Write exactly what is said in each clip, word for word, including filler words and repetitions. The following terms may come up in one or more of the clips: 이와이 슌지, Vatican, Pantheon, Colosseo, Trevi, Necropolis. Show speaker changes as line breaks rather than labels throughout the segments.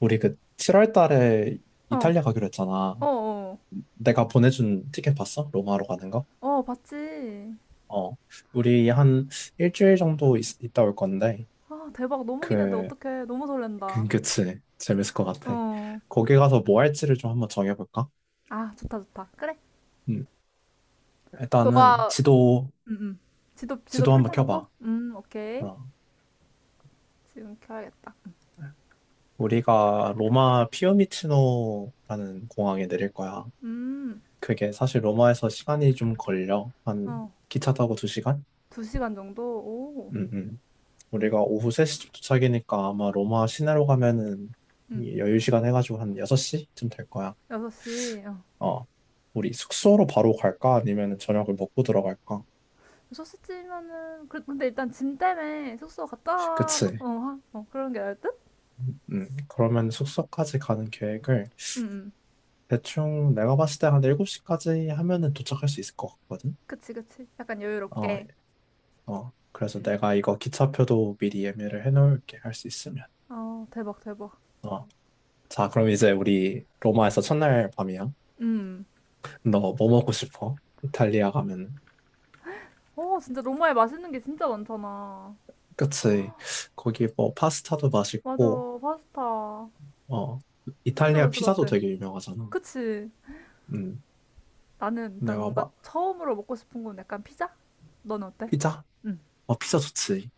우리 그 칠월 달에
어,
이탈리아 가기로 했잖아.
어, 어,
내가 보내준 티켓 봤어? 로마로 가는 거?
어, 봤지.
어. 우리 한 일주일 정도 있, 다올 건데,
아, 대박. 너무 기대돼.
그,
어떡해. 너무
그-
설렌다.
그치. 재밌을 것 같아.
어.
거기 가서 뭐 할지를 좀 한번 정해볼까?
아, 좋다, 좋다. 그래.
음. 일단은
너가,
지도,
음, 음. 지도, 지도
지도 한번 켜봐.
펼쳐놓고? 음, 오케이.
어.
지금 켜야겠다.
우리가 로마 피오미치노라는 공항에 내릴 거야.
음,
그게 사실 로마에서 시간이 좀 걸려. 한
어.
기차 타고 두시간.
두 시간 정도? 오.
음, 음.
음,
우리가 오후 세 시쯤 도착이니까 아마 로마 시내로 가면은
음.
이 여유 시간 해가지고 한 여섯 시쯤 될 거야.
여섯 시. 어.
어. 우리 숙소로 바로 갈까? 아니면 저녁을 먹고 들어갈까?
여섯 시쯤이면은, 그, 근데 일단 짐 때문에 숙소 갔다 놓고,
그치.
어, 하- 어, 그런 게 나을 듯?
음, 그러면 숙소까지 가는 계획을
음, 음.
대충 내가 봤을 때 한 일곱 시까지 하면은 도착할 수 있을 것 같거든?
그치, 그치. 약간
어,
여유롭게.
어. 그래서
음.
내가 이거 기차표도 미리 예매를 해놓을게, 할 수 있으면.
어, 대박, 대박.
어. 자, 그럼 이제 우리 로마에서 첫날 밤이야.
음.
너 뭐 먹고 싶어? 이탈리아 가면.
어, 진짜 로마에 맛있는 게 진짜 많잖아.
그치. 거기 뭐 파스타도
맞아,
맛있고,
파스타.
어,
진짜
이탈리아
맛있을 것
피자도
같아.
되게 유명하잖아.
그치?
음,
나는 일단
내가
뭔가
막,
처음으로 먹고 싶은 건 약간 피자? 넌 어때?
피자?
응,
어, 피자 좋지.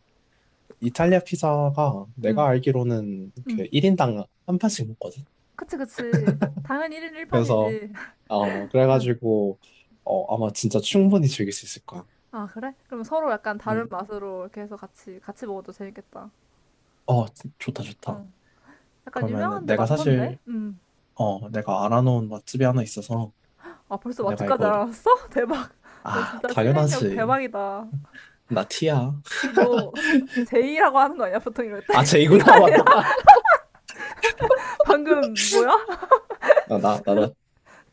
이탈리아 피자가
응,
내가 알기로는 그
응.
일 인당 한 판씩 먹거든.
그치, 그치. 당연히 일 인
그래서,
일 판이지.
어, 그래가지고, 어, 아마 진짜 충분히 즐길 수 있을 거야.
아, 그래? 그럼 서로 약간 다른
음,
맛으로 이렇게 해서 같이, 같이 먹어도 재밌겠다.
어, 좋다, 좋다.
응. 약간
그러면은
유명한 데
내가
많던데?
사실,
응.
어, 내가 알아놓은 맛집이 하나 있어서
아, 벌써
내가
맛집까지
이거,
알아봤어? 대박. 너
아,
진짜 실행력
당연하지.
대박이다.
나 티야.
너 제이라고 하는 거 아니야? 보통 이럴 때?
아, 쟤이구나, 맞다.
방금 뭐야?
아, 나, 나, 나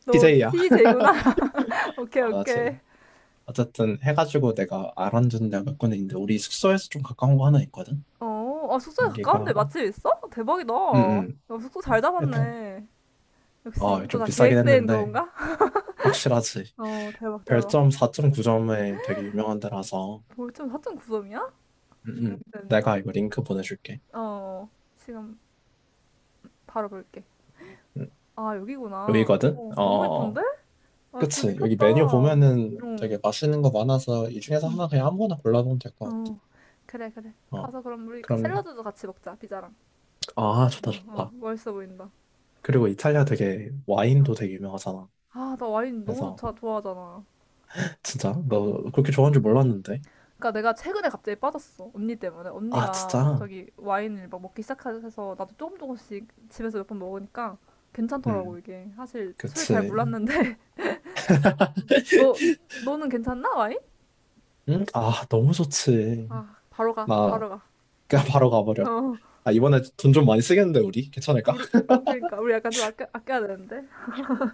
너
제이야.
t 이 구나 오케이,
아, 나
오케이.
제이 어쨌든 해가지고 내가 알아준 데가 몇 군데 있는데 우리 숙소에서 좀 가까운 거 하나 있거든?
어, 아, 숙소에 가까운데
여기가
맛집 있어? 대박이다.
응응
야, 숙소 잘
일단
잡았네. 역시
어,
이것도
좀
다
비싸긴
계획된
했는데
그건가?
확실하지.
어, 대박, 대박.
별점 사 점 구 점에 되게 유명한 데라서
벌점 사 점 구 점이야?
응응
된다.
내가 이거 링크 보내줄게.
어, 지금 바로 볼게.
응.
아, 여기구나.
여기거든?
어,
어,
너무
어, 어.
예쁜데? 아, 뷰
그치. 여기
미쳤다.
메뉴
어,
보면은
응,
되게 맛있는 거 많아서 이 중에서 하나 그냥 아무거나 골라보면 될 것 같아.
어, 그래, 그래.
어,
가서 그럼 우리
그럼,
샐러드도 같이 먹자, 피자랑.
아, 좋다,
어, 어,
좋다.
맛있어 보인다.
그리고 이탈리아 되게
어.
와인도 되게 유명하잖아.
아, 나 와인 너무
그래서
좋다, 좋아하잖아.
진짜?
어.
너 그렇게 좋아하는 줄 몰랐는데.
그러니까 내가 최근에 갑자기 빠졌어. 언니 때문에.
아,
언니가
진짜?
갑자기 와인을 막 먹기 시작해서 나도 조금 조금씩 집에서 몇 번 먹으니까 괜찮더라고,
응.
이게. 사실 술 잘
그치.
몰랐는데. 너, 너는 괜찮나, 와인?
응? 아, 너무 좋지.
아, 바로 가,
나
바로 가.
그냥 바로 가버려.
어,
아, 이번에 돈 좀 많이 쓰겠는데, 우리? 괜찮을까?
우리, 어, 그러니까. 우리 약간 좀 아껴, 아껴야 되는데.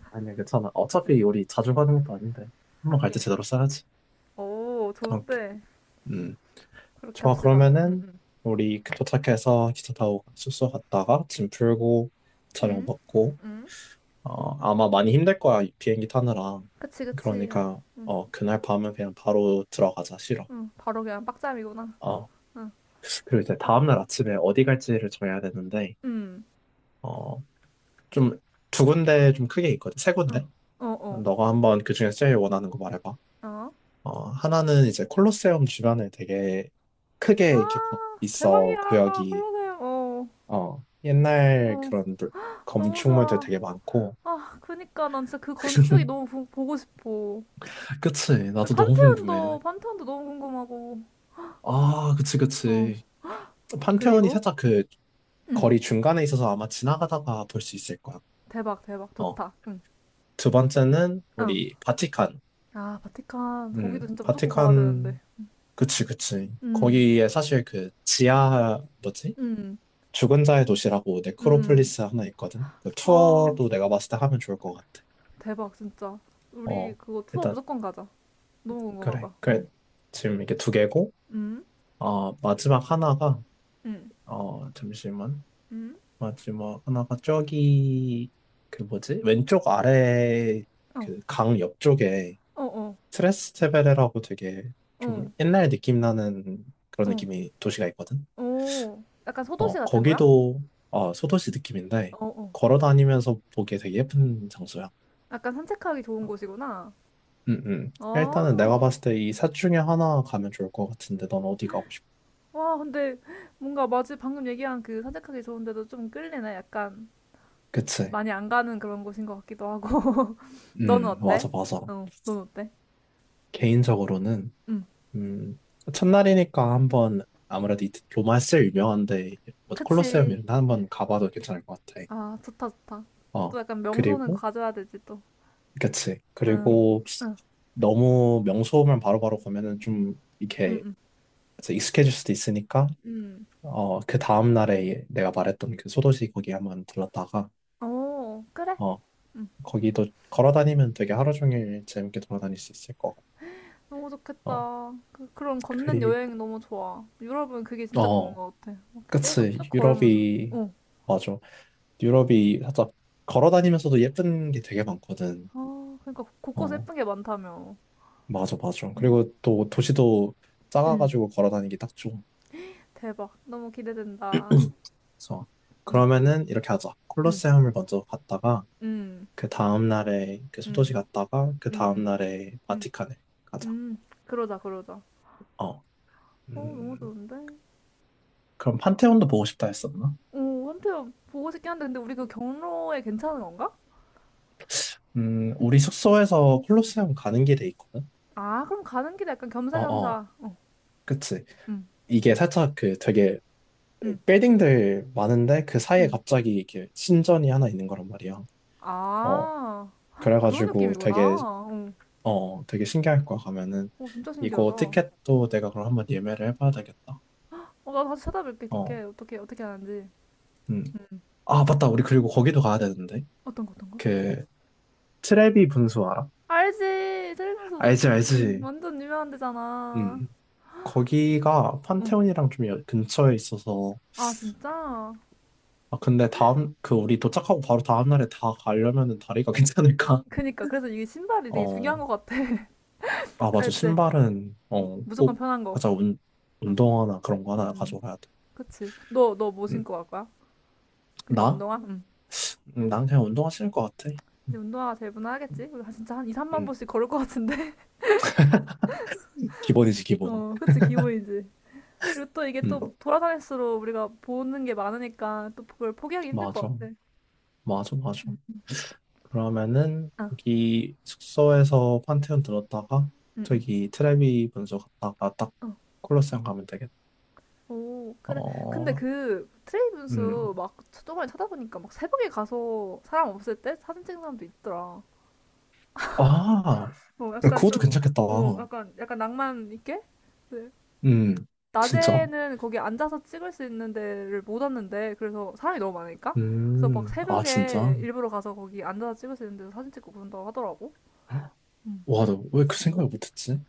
아니야, 괜찮아. 어차피 우리 자주 가는 것도 아닌데. 한 번 갈 때
하긴.
제대로 써야지.
오,
오케이.
좋은데.
음,
그렇게
좋아.
합시다. 응,
그러면은,
응.
우리 그 도착해서 기차 타고 숙소 갔다가 짐 풀고, 저녁
응?
먹고,
응?
어, 아마 많이 힘들 거야, 이 비행기 타느라.
그치, 그치.
그러니까,
응,
어, 그날 밤은 그냥 바로 들어가자, 싫어.
응. 바로 그냥 빡짬이구나.
어,
응,
그리고 이제
응.
다음날 아침에 어디 갈지를 정해야 되는데,
응,
어, 좀 두 군데 좀 크게 있거든, 세
응.
군데?
어, 어.
너가 한번 그중에 제일 원하는 거 말해봐.
어?
어, 하나는 이제 콜로세움 주변에 되게 크게
아,
이렇게 거- 있어,
대박이야.
구역이.
콜로세움. 어,
어, 옛날
어,
그런 물-
너무
건축물들
좋아.
되게 많고.
아, 그니까 난 진짜 그 건축이 너무 보, 보고 싶어.
그치, 나도 너무 궁금해.
판테온도, 판테온도 너무 궁금하고.
아, 그치,
어,
그치. 판테온이
그리고,
살짝 그
응,
거리 중간에 있어서 아마 지나가다가 볼 수 있을 거야.
대박, 대박.
어.
좋다. 응,
두 번째는
어.
우리 바티칸.
아, 바티칸. 거기도
음,
진짜 무조건 가야 되는데.
바티칸. 그치, 그치.
응,
거기에 사실 그 지하, 뭐지?
응,
죽은 자의 도시라고
응, 응.
네크로폴리스 하나 있거든. 그
아,
투어도 내가 봤을 때 하면 좋을 것 같아.
대박, 진짜. 우리
어,
그거 투어
일단,
무조건 가자. 너무
그래.
궁금하다.
그래.
응,
지금 이게 두 개고,
응,
어, 마지막 하나가,
응,
어, 잠시만.
응.
맞지 뭐 하나가 저기 그 뭐지 왼쪽 아래
어,
그 강 옆쪽에
어, 어,
트레스테베레라고 되게
어,
좀 옛날 느낌 나는 그런
어.
느낌이 도시가 있거든.
오, 약간 소도시
어,
같은 거야?
거기도 어, 소도시 느낌인데
어, 어.
걸어 다니면서 보기에 되게 예쁜 장소야.
약간 산책하기 좋은 곳이구나.
응응. 일단은 내가
아,
봤을 때 이 셋 중에 하나 가면 좋을 것 같은데 넌 어디 가고 싶어?
와, 근데 뭔가 마치 방금 얘기한 그 산책하기 좋은데도 좀 끌리네. 약간
그치?
많이 안 가는 그런 곳인 것 같기도 하고. 너는
음,
어때?
맞아, 맞아.
어, 넌 어때?
개인적으로는
응,
음, 첫날이니까 한번 아무래도 이- 로마서 유명한데 뭐 콜로세움
그치.
이런 데 한번 가봐도 괜찮을 것 같아.
아, 좋다, 좋다. 또
어,
약간 명소는
그리고,
가져야 되지, 또.
그치,
응,
그리고
응,
너무 명소만 바로바로 가면은 좀
응,
이렇게
응.
그래서 익숙해질 수도 있으니까
응.
어그 다음 날에 내가 말했던 그 소도시 거기 한번 들렀다가
오, 그래.
어,
응.
거기도 걸어 다니면 되게 하루 종일 재밌게 돌아다닐 수 있을 것 같아.
너무
어,
좋겠다. 그, 그런 걷는
그리고,
여행 너무 좋아. 유럽은 그게 진짜 좋은
어,
것 같아. 막 계속 쭉
그치,
걸으면서.
유럽이
어.
맞아. 유럽이 살짝 걸어 다니면서도 예쁜 게 되게 많거든.
아, 그러니까 곳곳에
어,
예쁜 게 많다며.
맞아, 맞아.
응.
그리고 또 도시도
응.
작아가지고 걸어 다니기 딱 좋아.
대박. 너무 기대된다.
그래서
응.
그러면은 이렇게 하자.
응.
콜로세움을 먼저 갔다가
응.
그 다음 날에 그 소도시
응.
갔다가 그
응.
다음
응.
날에
응.
바티칸을 가자.
응. 그러자, 그러자. 어,
어,
너무
음,
좋은데?
그럼 판테온도 보고 싶다 했었나?
오, 한편 보고 싶긴 한데, 근데 우리 그 경로에 괜찮은 건가?
음, 우리 숙소에서 콜로세움 가는 길에 있거든.
아, 그럼 가는 길에 약간
어, 어,
겸사겸사. 어.
그치.
응.
이게 살짝 그 되게
응.
빌딩들 많은데 그 사이에
응.
갑자기 이렇게 신전이 하나 있는 거란 말이야. 어,
아. 그런
그래가지고
느낌이구나.
되게,
어.
어, 되게 신기할 거야, 가면은.
오, 진짜 신기하다.
이거
어,
티켓도 내가 그럼 한번 예매를 해봐야 되겠다.
나 다시 찾아볼게,
어,
티켓. 어떻게, 어떻게 하는지.
음.
음.
아, 맞다. 우리 그리고 거기도 가야 되는데.
어떤 거, 어떤 거?
그, 트레비 분수 알아?
알지! 살면서,
알지,
그- 음,
알지.
완전 유명한 데잖아.
음. 거기가
응.
판테온이랑 좀 여- 근처에 있어서.
아, 진짜?
아, 근데 다음, 그, 우리 도착하고 바로 다음날에 다 가려면은 다리가 괜찮을까?
그니까. 그래서 이게 신발이 되게 중요한
어.
것 같아.
아, 맞아.
갈 때.
신발은, 어,
무조건
꼭.
편한 거.
맞아. 운,
응.
운동화나 그런 거 하나 가져가야 돼.
그치. 너, 너 뭐
음.
신고 갈 거야? 그냥
나?
운동화? 응.
음, 난 그냥 운동화 신을 것 같아.
이제
음.
운동화가 제일 무난하겠지? 우리 진짜 한 이, 삼만
음.
보씩 걸을 것 같은데?
기본이지, 기본.
어, 그치, 기본이지. 그리고 또 이게
음.
또 돌아다닐수록 우리가 보는 게 많으니까 또 그걸 포기하기 힘들 것
맞아.
같아.
맞아, 맞아. 그러면은,
아,
여기 숙소에서 판테온 들었다가, 저기 트레비 분수 갔다가 딱
어.
콜로세움 가면 되겠다.
오, 그래. 근데
어,
그 트레이
음.
분수 막 저번에 찾아보니까 막 새벽에 가서 사람 없을 때 사진 찍는 사람도 있더라.
아,
어, 약간
그것도
좀,
괜찮겠다.
어, 약간, 약간 낭만 있게? 네.
음, 진짜.
낮에는 거기 앉아서 찍을 수 있는 데를 못 왔는데, 그래서 사람이 너무 많으니까? 그래서 막
음, 아, 진짜.
새벽에 일부러 가서 거기 앉아서 찍을 수 있는 데서 사진 찍고 그런다고 하더라고.
와, 나 왜 그 생각을 못했지?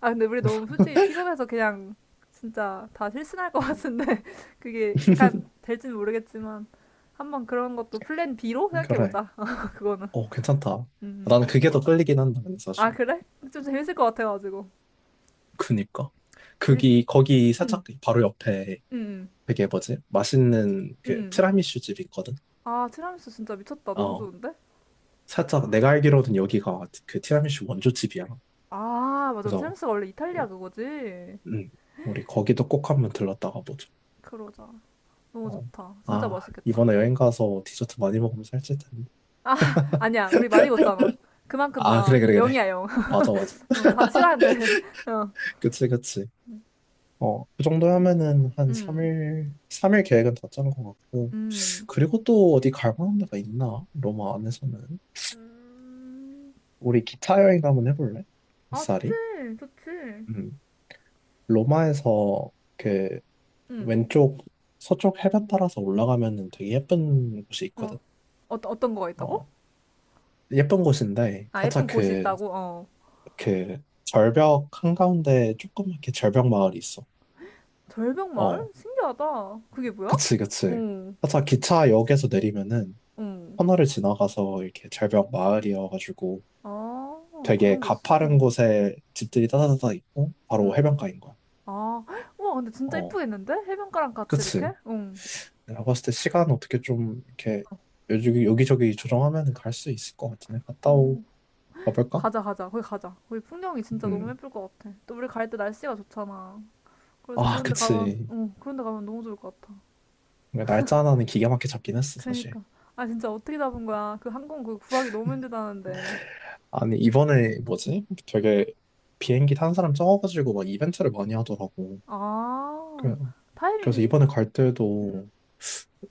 아, 근데 우리 너무 솔직히 피곤해서 그냥 진짜 다 실신할 것
음,
같은데 그게 약간 될지는 모르겠지만 한번 그런 것도 플랜 B로
그래.
생각해보자. 그거는.
어, 괜찮다.
음.
나는 그게 더 끌리긴 한다, 근데
아,
사실.
그래? 좀 재밌을 것 같아가지고.
그니까.
우리,
거기, 거기
음,
살짝 바로 옆에
음, 음.
되게 뭐지? 맛있는 그
음.
티라미슈 집이 있거든?
아, 티라미수 진짜 미쳤다. 너무
어.
좋은데?
살짝 내가 알기로는 여기가 그 티라미슈 원조 집이야.
아, 맞아.
그래서,
티라미수가 원래 이탈리아
어,
그거지?
음, 우리 거기도 꼭 한번 들렀다가 보자.
그러자. 너무
어.
좋다. 진짜
아,
맛있겠다.
이번에 여행 가서 디저트 많이 먹으면 살찔 텐데.
아니야, 우리 많이 걷잖아. 그만큼
아,
다
그래, 그래,
영
그래.
이야 영.
맞아, 맞아.
어, 다 치워야 돼. 어.
그치, 그치. 어, 그 정도 하면은 한
음,
삼 일, 삼 일 계획은 다 짠 것 같고.
음.
그리고 또 어디 갈 만한 데가 있나? 로마 안에서는.
음,
우리 기차 여행 한번 해볼래?
아, 좋지,
이사리?
좋지.
음. 로마에서 그
응.
왼쪽 서쪽 해변 따라서 올라가면은 되게 예쁜 곳이
어.
있거든.
어떤 어떤 거가 있다고?
어. 예쁜 곳인데
아,
살짝
예쁜 곳이
그,
있다고. 어.
그 절벽 한가운데 조그맣게 절벽 마을이 있어.
절벽마을?
어.
신기하다. 그게 뭐야?
그치, 그치.
응.
살짝 기차역에서 내리면은
응.
터널을 지나가서 이렇게 절벽 마을이어가지고
아,
되게
그런 게 있어.
가파른
응.
곳에 집들이 따다다다 있고 바로
응.
해변가인 거야.
아, 헉, 우와, 근데 진짜
어,
이쁘겠는데? 해변가랑 같이 이렇게?
그치.
응.
내가 봤을 때 시간 어떻게 좀 이렇게 여기, 여기저기 조정하면 갈 수 있을 것 같은데 갔다 오
어.
가볼까?
가자, 가자. 거기 가자. 거기 풍경이 진짜 너무
음.
예쁠 것 같아. 또 우리 갈 때 날씨가 좋잖아. 그래서
아,
그런 데 가면,
그치.
응, 그런 데 가면 너무 좋을 것 같아.
그러니까 날짜 하나는 기가 막히게 잡긴 했어, 사실.
그러니까. 아, 진짜 어떻게 잡은 거야? 그 항공 그 구하기 너무 힘들다는데.
아니, 이번에 뭐지? 되게 비행기 탄 사람 적어가지고 막 이벤트를 많이 하더라고.
아,
그- 그래서
타이밍이
이번에 갈 때도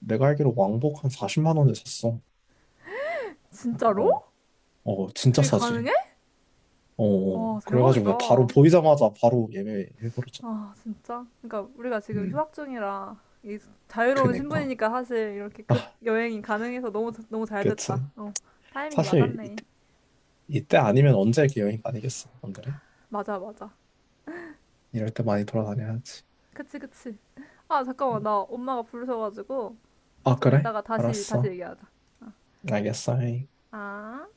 내가 알기로 왕복 한 사십만 원에 샀어.
진짜로?
어, 어, 진짜
그게
싸지.
가능해?
어, 어.
와,
그래가지고
대박이다.
내가 바로 보이자마자 바로 예매해버렸잖아.
아, 진짜. 그러니까 우리가 지금
음,
휴학 중이라 이 자유로운
그니까.
신분이니까 사실 이렇게 급
아,
여행이 가능해서 너무 너무 잘
그치.
됐다. 어, 타이밍이
사실
맞았네.
이때, 이때 아니면 언제 이렇게 여행 다니겠어. 안 그래?
맞아, 맞아.
이럴 때 많이 돌아다녀야지.
그치, 그치. 아, 잠깐만.
음.
나 엄마가 부르셔가지고
아,
좀
그래?
이따가 다시 다시
알았어.
얘기하자. 어.
알겠어.
아.